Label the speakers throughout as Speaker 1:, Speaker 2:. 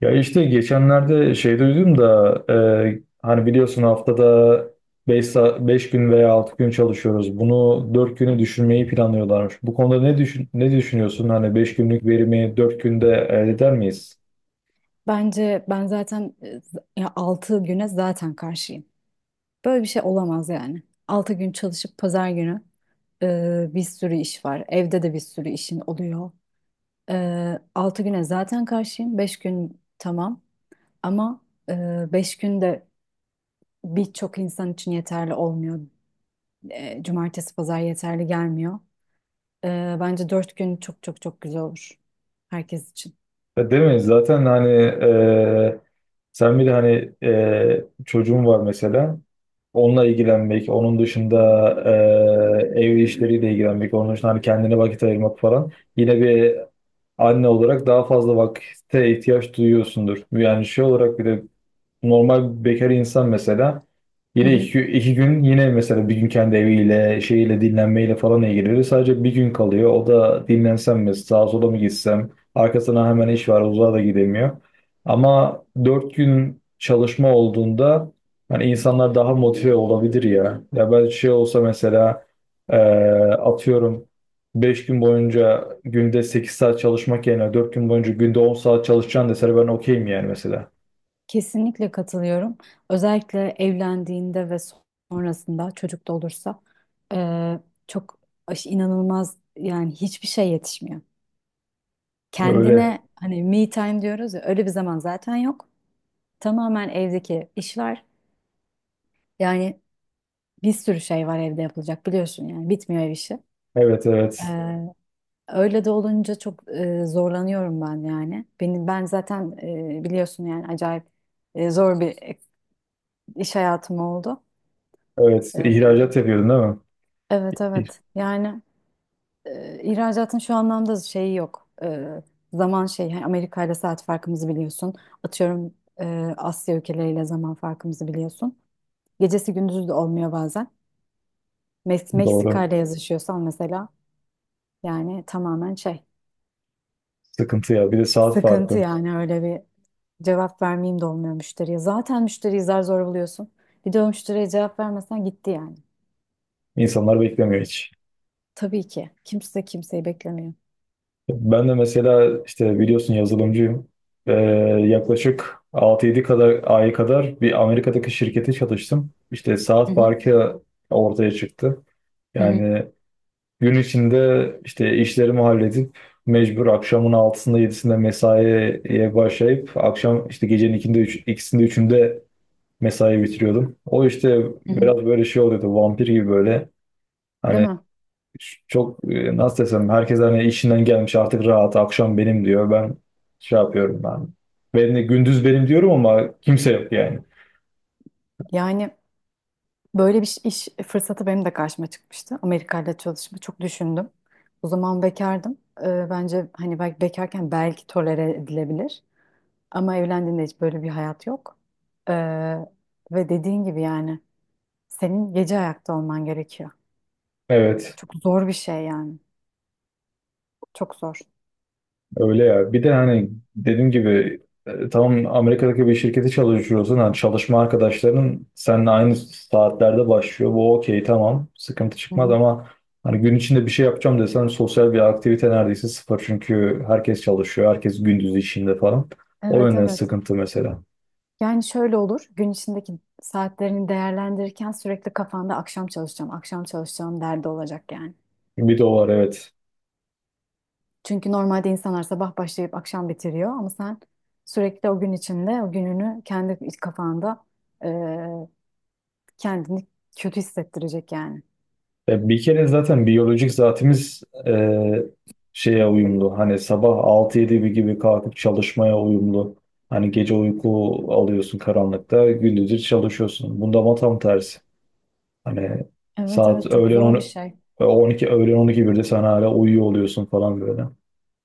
Speaker 1: Ya işte geçenlerde şey duydum da hani biliyorsun haftada 5 5 gün veya 6 gün çalışıyoruz. Bunu 4 günü düşürmeyi planlıyorlarmış. Bu konuda ne düşünüyorsun? Hani 5 günlük verimi 4 günde elde eder miyiz?
Speaker 2: Bence ben zaten 6 güne zaten karşıyım. Böyle bir şey olamaz yani. 6 gün çalışıp pazar günü bir sürü iş var. Evde de bir sürü işin oluyor. 6 güne zaten karşıyım. 5 gün tamam ama 5 gün de birçok insan için yeterli olmuyor. Cumartesi pazar yeterli gelmiyor. Bence 4 gün çok çok çok güzel olur herkes için.
Speaker 1: Ya, değil mi? Zaten hani sen bir de hani çocuğun var mesela. Onunla ilgilenmek, onun dışında ev işleriyle ilgilenmek, onun dışında hani kendine vakit ayırmak falan. Yine bir anne olarak daha fazla vakte ihtiyaç duyuyorsundur. Yani şey olarak bir de normal bekar insan mesela. Yine iki gün yine mesela bir gün kendi eviyle şeyiyle dinlenmeyle falan ilgileniyor. Sadece bir gün kalıyor. O da dinlensem mi sağa sola mı gitsem arkasına hemen iş var uzağa da gidemiyor. Ama 4 gün çalışma olduğunda hani insanlar daha motive olabilir ya. Ya ben şey olsa mesela eee, atıyorum 5 gün boyunca günde 8 saat çalışmak yerine 4 gün boyunca günde 10 saat çalışacaksın deseler ben okeyim yani mesela.
Speaker 2: Kesinlikle katılıyorum. Özellikle evlendiğinde ve sonrasında çocuk da olursa eee, çok inanılmaz yani hiçbir şey yetişmiyor.
Speaker 1: Öyle.
Speaker 2: Kendine hani me time diyoruz ya, öyle bir zaman zaten yok. Tamamen evdeki işler yani, bir sürü şey var evde yapılacak, biliyorsun yani bitmiyor ev işi.
Speaker 1: Evet, evet.
Speaker 2: Eee, Öyle de olunca çok zorlanıyorum ben yani. Benim zaten biliyorsun yani acayip zor bir iş hayatım oldu.
Speaker 1: Evet, ihracat yapıyordun değil mi?
Speaker 2: Evet
Speaker 1: İyi.
Speaker 2: evet, yani ihracatın şu anlamda şeyi yok. Zaman şey yani, Amerika ile saat farkımızı biliyorsun, atıyorum Asya ülkeleriyle zaman farkımızı biliyorsun, gecesi gündüzü de olmuyor bazen. Meksika
Speaker 1: Doğru.
Speaker 2: ile yazışıyorsan mesela, yani tamamen şey,
Speaker 1: Sıkıntı ya. Bir de saat
Speaker 2: sıkıntı
Speaker 1: farkı.
Speaker 2: yani. Öyle bir cevap vermeyeyim de olmuyor müşteriye, zaten müşteriyi zar zor buluyorsun, bir de o müşteriye cevap vermesen gitti yani.
Speaker 1: İnsanlar beklemiyor hiç.
Speaker 2: Tabii ki kimse kimseyi beklemiyor.
Speaker 1: Ben de mesela işte biliyorsun yazılımcıyım. Ee, Yaklaşık 6-7 ay kadar bir Amerika'daki şirkete çalıştım. İşte
Speaker 2: Hı
Speaker 1: saat
Speaker 2: hı.
Speaker 1: farkı ortaya çıktı.
Speaker 2: Hı hı.
Speaker 1: Yani gün içinde işte işlerimi halledip mecbur akşamın 6'sında 7'sinde mesaiye başlayıp akşam işte gecenin 2'sinde 3, 2'sinde 3'ünde mesai bitiriyordum. O işte
Speaker 2: Hı hı.
Speaker 1: biraz böyle şey oluyordu vampir gibi böyle
Speaker 2: Değil
Speaker 1: hani
Speaker 2: mi?
Speaker 1: çok nasıl desem herkes hani işinden gelmiş artık rahat akşam benim diyor ben şey yapıyorum ben. Benim gündüz benim diyorum ama kimse yok yani.
Speaker 2: Yani böyle bir iş fırsatı benim de karşıma çıkmıştı. Amerika ile çalışma çok düşündüm. O zaman bekardım. Bence hani belki bekarken belki tolere edilebilir. Ama evlendiğinde hiç böyle bir hayat yok. Ee, Ve dediğin gibi yani senin gece ayakta olman gerekiyor.
Speaker 1: Evet.
Speaker 2: Çok zor bir şey yani. Çok zor.
Speaker 1: Öyle ya. Bir de hani dediğim gibi tamam Amerika'daki bir şirkete çalışıyorsun. Hani çalışma arkadaşların seninle aynı saatlerde başlıyor. Bu okey, tamam. Sıkıntı
Speaker 2: Hı
Speaker 1: çıkmaz
Speaker 2: hı.
Speaker 1: ama hani gün içinde bir şey yapacağım desen sosyal bir aktivite neredeyse sıfır. Çünkü herkes çalışıyor. Herkes gündüz işinde falan. O
Speaker 2: Evet
Speaker 1: yönden
Speaker 2: evet.
Speaker 1: sıkıntı mesela.
Speaker 2: Yani şöyle olur. Gün içindeki saatlerini değerlendirirken sürekli kafanda akşam çalışacağım, akşam çalışacağım derdi olacak yani.
Speaker 1: Bir de o var, evet.
Speaker 2: Çünkü normalde insanlar sabah başlayıp akşam bitiriyor ama sen sürekli o gün içinde o gününü kendi kafanda e, kendini kötü hissettirecek yani.
Speaker 1: Ya bir kere zaten biyolojik zatimiz şeye uyumlu. Hani sabah 6-7 gibi kalkıp çalışmaya uyumlu. Hani gece uyku alıyorsun karanlıkta, gündüzü çalışıyorsun. Bunda ama tam tersi. Hani
Speaker 2: Evet
Speaker 1: saat
Speaker 2: evet, çok
Speaker 1: öğlen
Speaker 2: zor bir şey.
Speaker 1: 12 öğlen 12 1'de sen hala uyuyor oluyorsun falan böyle.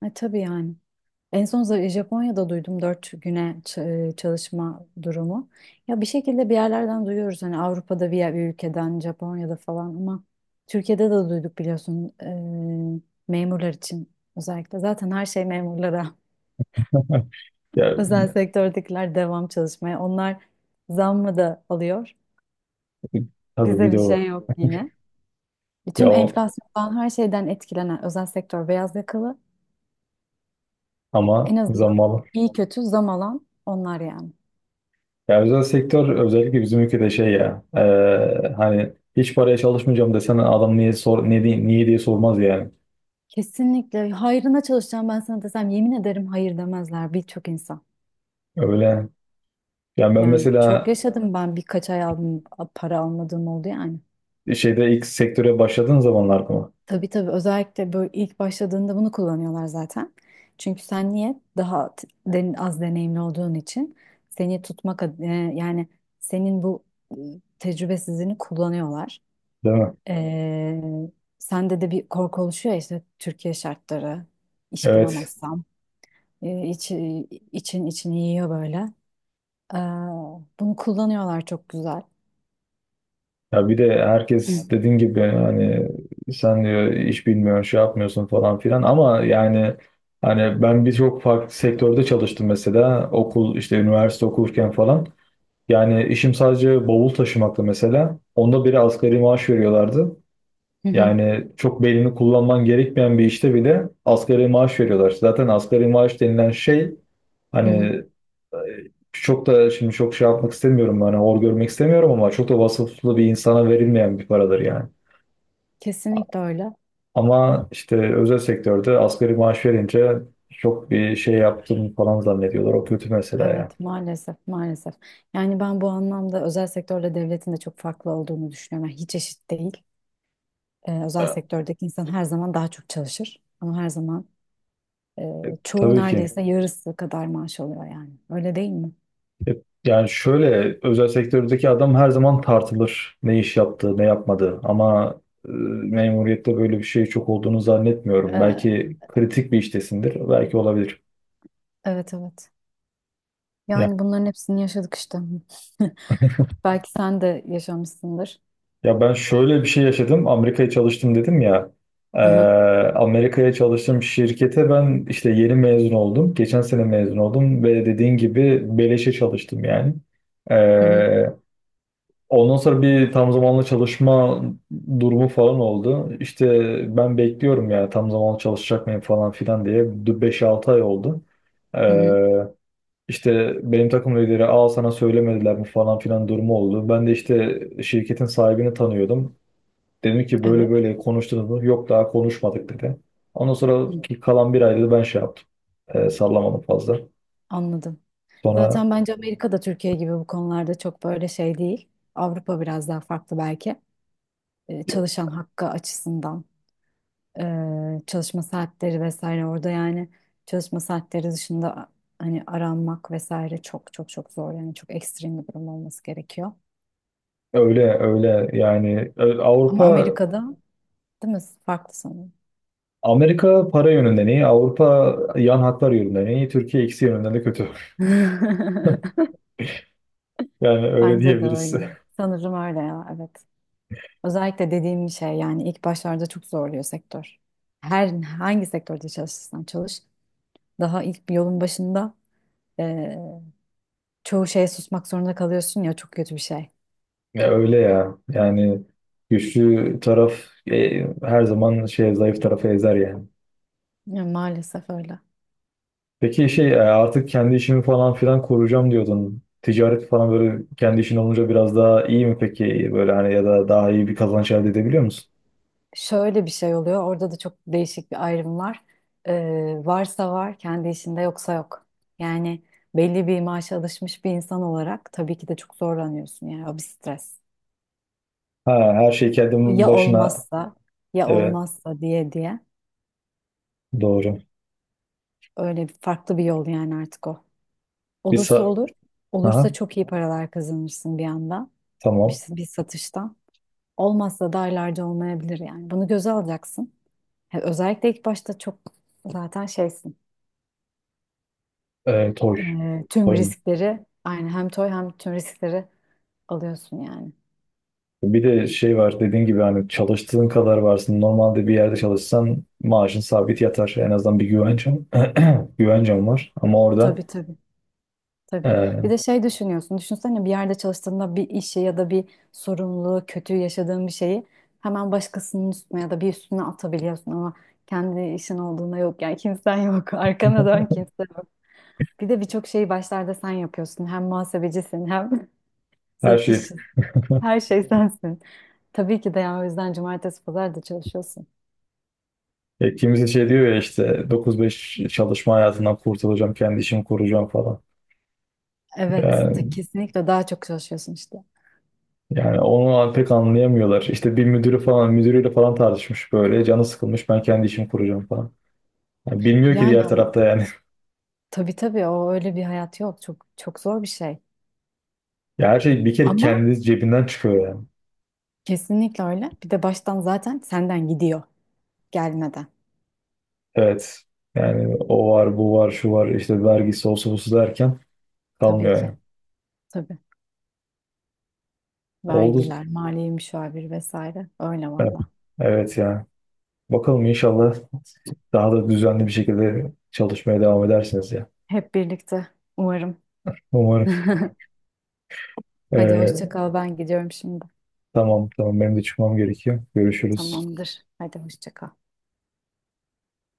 Speaker 2: Tabii yani. En son Japonya'da duydum dört güne çalışma durumu. Ya bir şekilde bir yerlerden duyuyoruz, hani Avrupa'da bir, bir ülkeden, Japonya'da falan ama Türkiye'de de duyduk, biliyorsun memurlar için özellikle. Zaten her şey memurlara.
Speaker 1: Ya
Speaker 2: Özel sektördekiler devam çalışmaya. Onlar zammı da alıyor.
Speaker 1: tabii bir
Speaker 2: Bize
Speaker 1: de
Speaker 2: bir
Speaker 1: o.
Speaker 2: şey yok yine.
Speaker 1: Ya,
Speaker 2: Tüm
Speaker 1: o
Speaker 2: enflasyon falan her şeyden etkilenen özel sektör beyaz yakalı.
Speaker 1: ama
Speaker 2: En azından
Speaker 1: zamanla.
Speaker 2: iyi kötü zam alan onlar yani.
Speaker 1: Ya özel sektör özellikle bizim ülkede şey ya hani hiç paraya çalışmayacağım desen adam niye sor ne diye, niye diye sormaz yani.
Speaker 2: Kesinlikle hayrına çalışacağım ben sana desem, yemin ederim hayır demezler birçok insan.
Speaker 1: Öyle. Yani ben
Speaker 2: Yani çok
Speaker 1: mesela
Speaker 2: yaşadım ben, birkaç ay aldım, para almadığım oldu yani.
Speaker 1: şeyde ilk sektöre başladığın zamanlarda mı?
Speaker 2: Tabii tabii, özellikle böyle ilk başladığında bunu kullanıyorlar zaten. Çünkü sen niye daha az deneyimli olduğun için seni tutmak yani senin bu e, tecrübesizliğini kullanıyorlar.
Speaker 1: Değil mi?
Speaker 2: Ee, Sende de bir korku oluşuyor ya, işte Türkiye şartları, iş
Speaker 1: Evet.
Speaker 2: bulamazsam için içini yiyor böyle. Ee, Bunu kullanıyorlar çok güzel.
Speaker 1: Ya bir de herkes
Speaker 2: Hı
Speaker 1: dediğin gibi hani sen diyor iş bilmiyorsun, şey yapmıyorsun falan filan ama yani hani ben birçok farklı sektörde çalıştım mesela okul işte üniversite okurken falan. Yani işim sadece bavul taşımaktı mesela. Onda biri asgari maaş veriyorlardı.
Speaker 2: hı,
Speaker 1: Yani çok belini kullanman gerekmeyen bir işte bile asgari maaş veriyorlar. Zaten asgari maaş denilen şey
Speaker 2: hı hı.
Speaker 1: hani e, çok da şimdi çok şey yapmak istemiyorum hani hor görmek istemiyorum ama çok da vasıflı bir insana verilmeyen bir paradır yani.
Speaker 2: Kesinlikle öyle.
Speaker 1: Ama işte özel sektörde asgari maaş verince çok bir şey yaptım falan zannediyorlar. O kötü mesela yani.
Speaker 2: Evet maalesef, maalesef. Yani ben bu anlamda özel sektörle devletin de çok farklı olduğunu düşünüyorum. Yani hiç eşit değil. Özel
Speaker 1: Ha.
Speaker 2: sektördeki insan her zaman daha çok çalışır. Ama her zaman e, çoğu
Speaker 1: Tabii ki.
Speaker 2: neredeyse yarısı kadar maaş alıyor yani. Öyle değil mi?
Speaker 1: E, Yani şöyle özel sektördeki adam her zaman tartılır. Ne iş yaptı ne yapmadı. Ama e, memuriyette böyle bir şey çok olduğunu zannetmiyorum.
Speaker 2: Ee,
Speaker 1: Belki kritik bir iştesindir. Belki olabilir.
Speaker 2: evet evet.
Speaker 1: Ya,
Speaker 2: Yani bunların hepsini yaşadık işte. Belki sen de yaşamışsındır.
Speaker 1: ya, ben şöyle bir şey yaşadım. Amerika'ya çalıştım dedim ya. E,
Speaker 2: Aha.
Speaker 1: Amerika'ya çalıştığım şirkete ben işte yeni mezun oldum. Geçen sene mezun oldum ve dediğin gibi beleşe çalıştım yani. E,
Speaker 2: Hı hı.
Speaker 1: Ondan sonra bir tam zamanlı çalışma durumu falan oldu. İşte ben bekliyorum ya tam zamanlı çalışacak mıyım falan filan diye. 5-6 ay oldu.
Speaker 2: Hı hı.
Speaker 1: Ee, işte benim takım lideri al sana söylemediler mi falan filan durumu oldu. Ben de işte şirketin sahibini tanıyordum. Dedim ki, böyle
Speaker 2: Evet.
Speaker 1: böyle konuştunuz mu? Yok, daha konuşmadık dedi. Ondan sonra
Speaker 2: Hı.
Speaker 1: ki kalan bir ayda da ben şey yaptım. Sallamadım fazla.
Speaker 2: Anladım.
Speaker 1: Sonra
Speaker 2: Zaten bence Amerika da Türkiye gibi bu konularda çok böyle şey değil. Avrupa biraz daha farklı belki. Çalışan hakkı açısından, çalışma saatleri vesaire orada yani, çalışma saatleri dışında hani aranmak vesaire çok çok çok zor yani, çok ekstrem bir durum olması gerekiyor.
Speaker 1: öyle öyle yani
Speaker 2: Ama
Speaker 1: Avrupa.
Speaker 2: Amerika'da değil mi? Farklı sanırım.
Speaker 1: Amerika para yönünden iyi, Avrupa yan hatlar yönünden iyi, Türkiye ikisi yönünden de kötü. Yani öyle
Speaker 2: Bence de
Speaker 1: diyebiliriz.
Speaker 2: öyle. Sanırım öyle ya, evet. Özellikle dediğim şey yani ilk başlarda çok zorluyor sektör. Her hangi sektörde çalışırsan çalış, daha ilk bir yolun başında e, çoğu şeye susmak zorunda kalıyorsun ya, çok kötü bir şey.
Speaker 1: Ya öyle ya. Yani güçlü taraf her zaman şey zayıf tarafı ezer yani.
Speaker 2: Ya, maalesef öyle.
Speaker 1: Peki şey artık kendi işimi falan filan kuracağım diyordun. Ticaret falan böyle kendi işin olunca biraz daha iyi mi peki? Böyle hani ya da daha iyi bir kazanç elde edebiliyor musun?
Speaker 2: Şöyle bir şey oluyor. Orada da çok değişik bir ayrım var. Varsa var, kendi işinde yoksa yok. Yani belli bir maaşa alışmış bir insan olarak tabii ki de çok zorlanıyorsun. Yani o bir stres.
Speaker 1: Ha, her şey kendi
Speaker 2: Ya
Speaker 1: başına.
Speaker 2: olmazsa, ya
Speaker 1: Evet,
Speaker 2: olmazsa diye diye
Speaker 1: doğru.
Speaker 2: öyle bir farklı bir yol yani artık o.
Speaker 1: Bir
Speaker 2: Olursa
Speaker 1: sa
Speaker 2: olur.
Speaker 1: Aha,
Speaker 2: Olursa çok iyi paralar kazanırsın bir anda. Bir,
Speaker 1: tamam.
Speaker 2: bir satıştan. Olmazsa da aylarca olmayabilir yani. Bunu göze alacaksın. He, özellikle ilk başta çok zaten şeysin.
Speaker 1: Toy.
Speaker 2: Tüm
Speaker 1: Toy,
Speaker 2: riskleri aynı, hem toy hem tüm riskleri alıyorsun yani.
Speaker 1: bir de şey var dediğin gibi hani çalıştığın kadar varsın. Normalde bir yerde çalışsan maaşın sabit yatar. En azından bir güvencem, güvencem var. Ama orada
Speaker 2: Tabii tabii tabii. Bir
Speaker 1: e,
Speaker 2: de şey düşünüyorsun. Düşünsene bir yerde çalıştığında bir işi ya da bir sorumluluğu, kötü yaşadığın bir şeyi hemen başkasının üstüne ya da bir üstüne atabiliyorsun ama kendi işin olduğunda yok yani, kimsen yok. Arkana dön, kimse yok. Bir de birçok şeyi başlarda sen yapıyorsun. Hem muhasebecisin hem
Speaker 1: her şey.
Speaker 2: satışçısın. Her şey sensin. Tabii ki de yani o yüzden cumartesi pazar da çalışıyorsun.
Speaker 1: Kimisi şey diyor ya işte 9-5 çalışma hayatından kurtulacağım, kendi işimi kuracağım falan.
Speaker 2: Evet, ta,
Speaker 1: Yani,
Speaker 2: kesinlikle daha çok çalışıyorsun işte.
Speaker 1: yani, onu pek anlayamıyorlar. İşte bir müdürü falan, müdürüyle falan tartışmış böyle. Canı sıkılmış ben kendi işimi kuracağım falan. Yani bilmiyor ki
Speaker 2: Yani
Speaker 1: diğer tarafta yani.
Speaker 2: tabii tabii, o öyle bir hayat yok. Çok çok zor bir şey.
Speaker 1: Ya her şey bir kere
Speaker 2: Ama
Speaker 1: kendi cebinden çıkıyor yani.
Speaker 2: kesinlikle öyle. Bir de baştan zaten senden gidiyor gelmeden.
Speaker 1: Evet. Yani o var, bu var, şu var, işte vergisi olsa busu derken
Speaker 2: Tabii
Speaker 1: kalmıyor yani.
Speaker 2: ki. Tabii.
Speaker 1: Oldu.
Speaker 2: Vergiler, mali müşavir vesaire. Öyle
Speaker 1: Evet,
Speaker 2: valla.
Speaker 1: evet yani. Bakalım inşallah daha da düzenli bir şekilde çalışmaya devam edersiniz ya.
Speaker 2: Hep birlikte umarım.
Speaker 1: Umarım.
Speaker 2: Hadi
Speaker 1: Ee,
Speaker 2: hoşça kal. Ben gidiyorum şimdi.
Speaker 1: tamam, tamam, benim de çıkmam gerekiyor. Görüşürüz.
Speaker 2: Tamamdır. Hadi hoşça kal.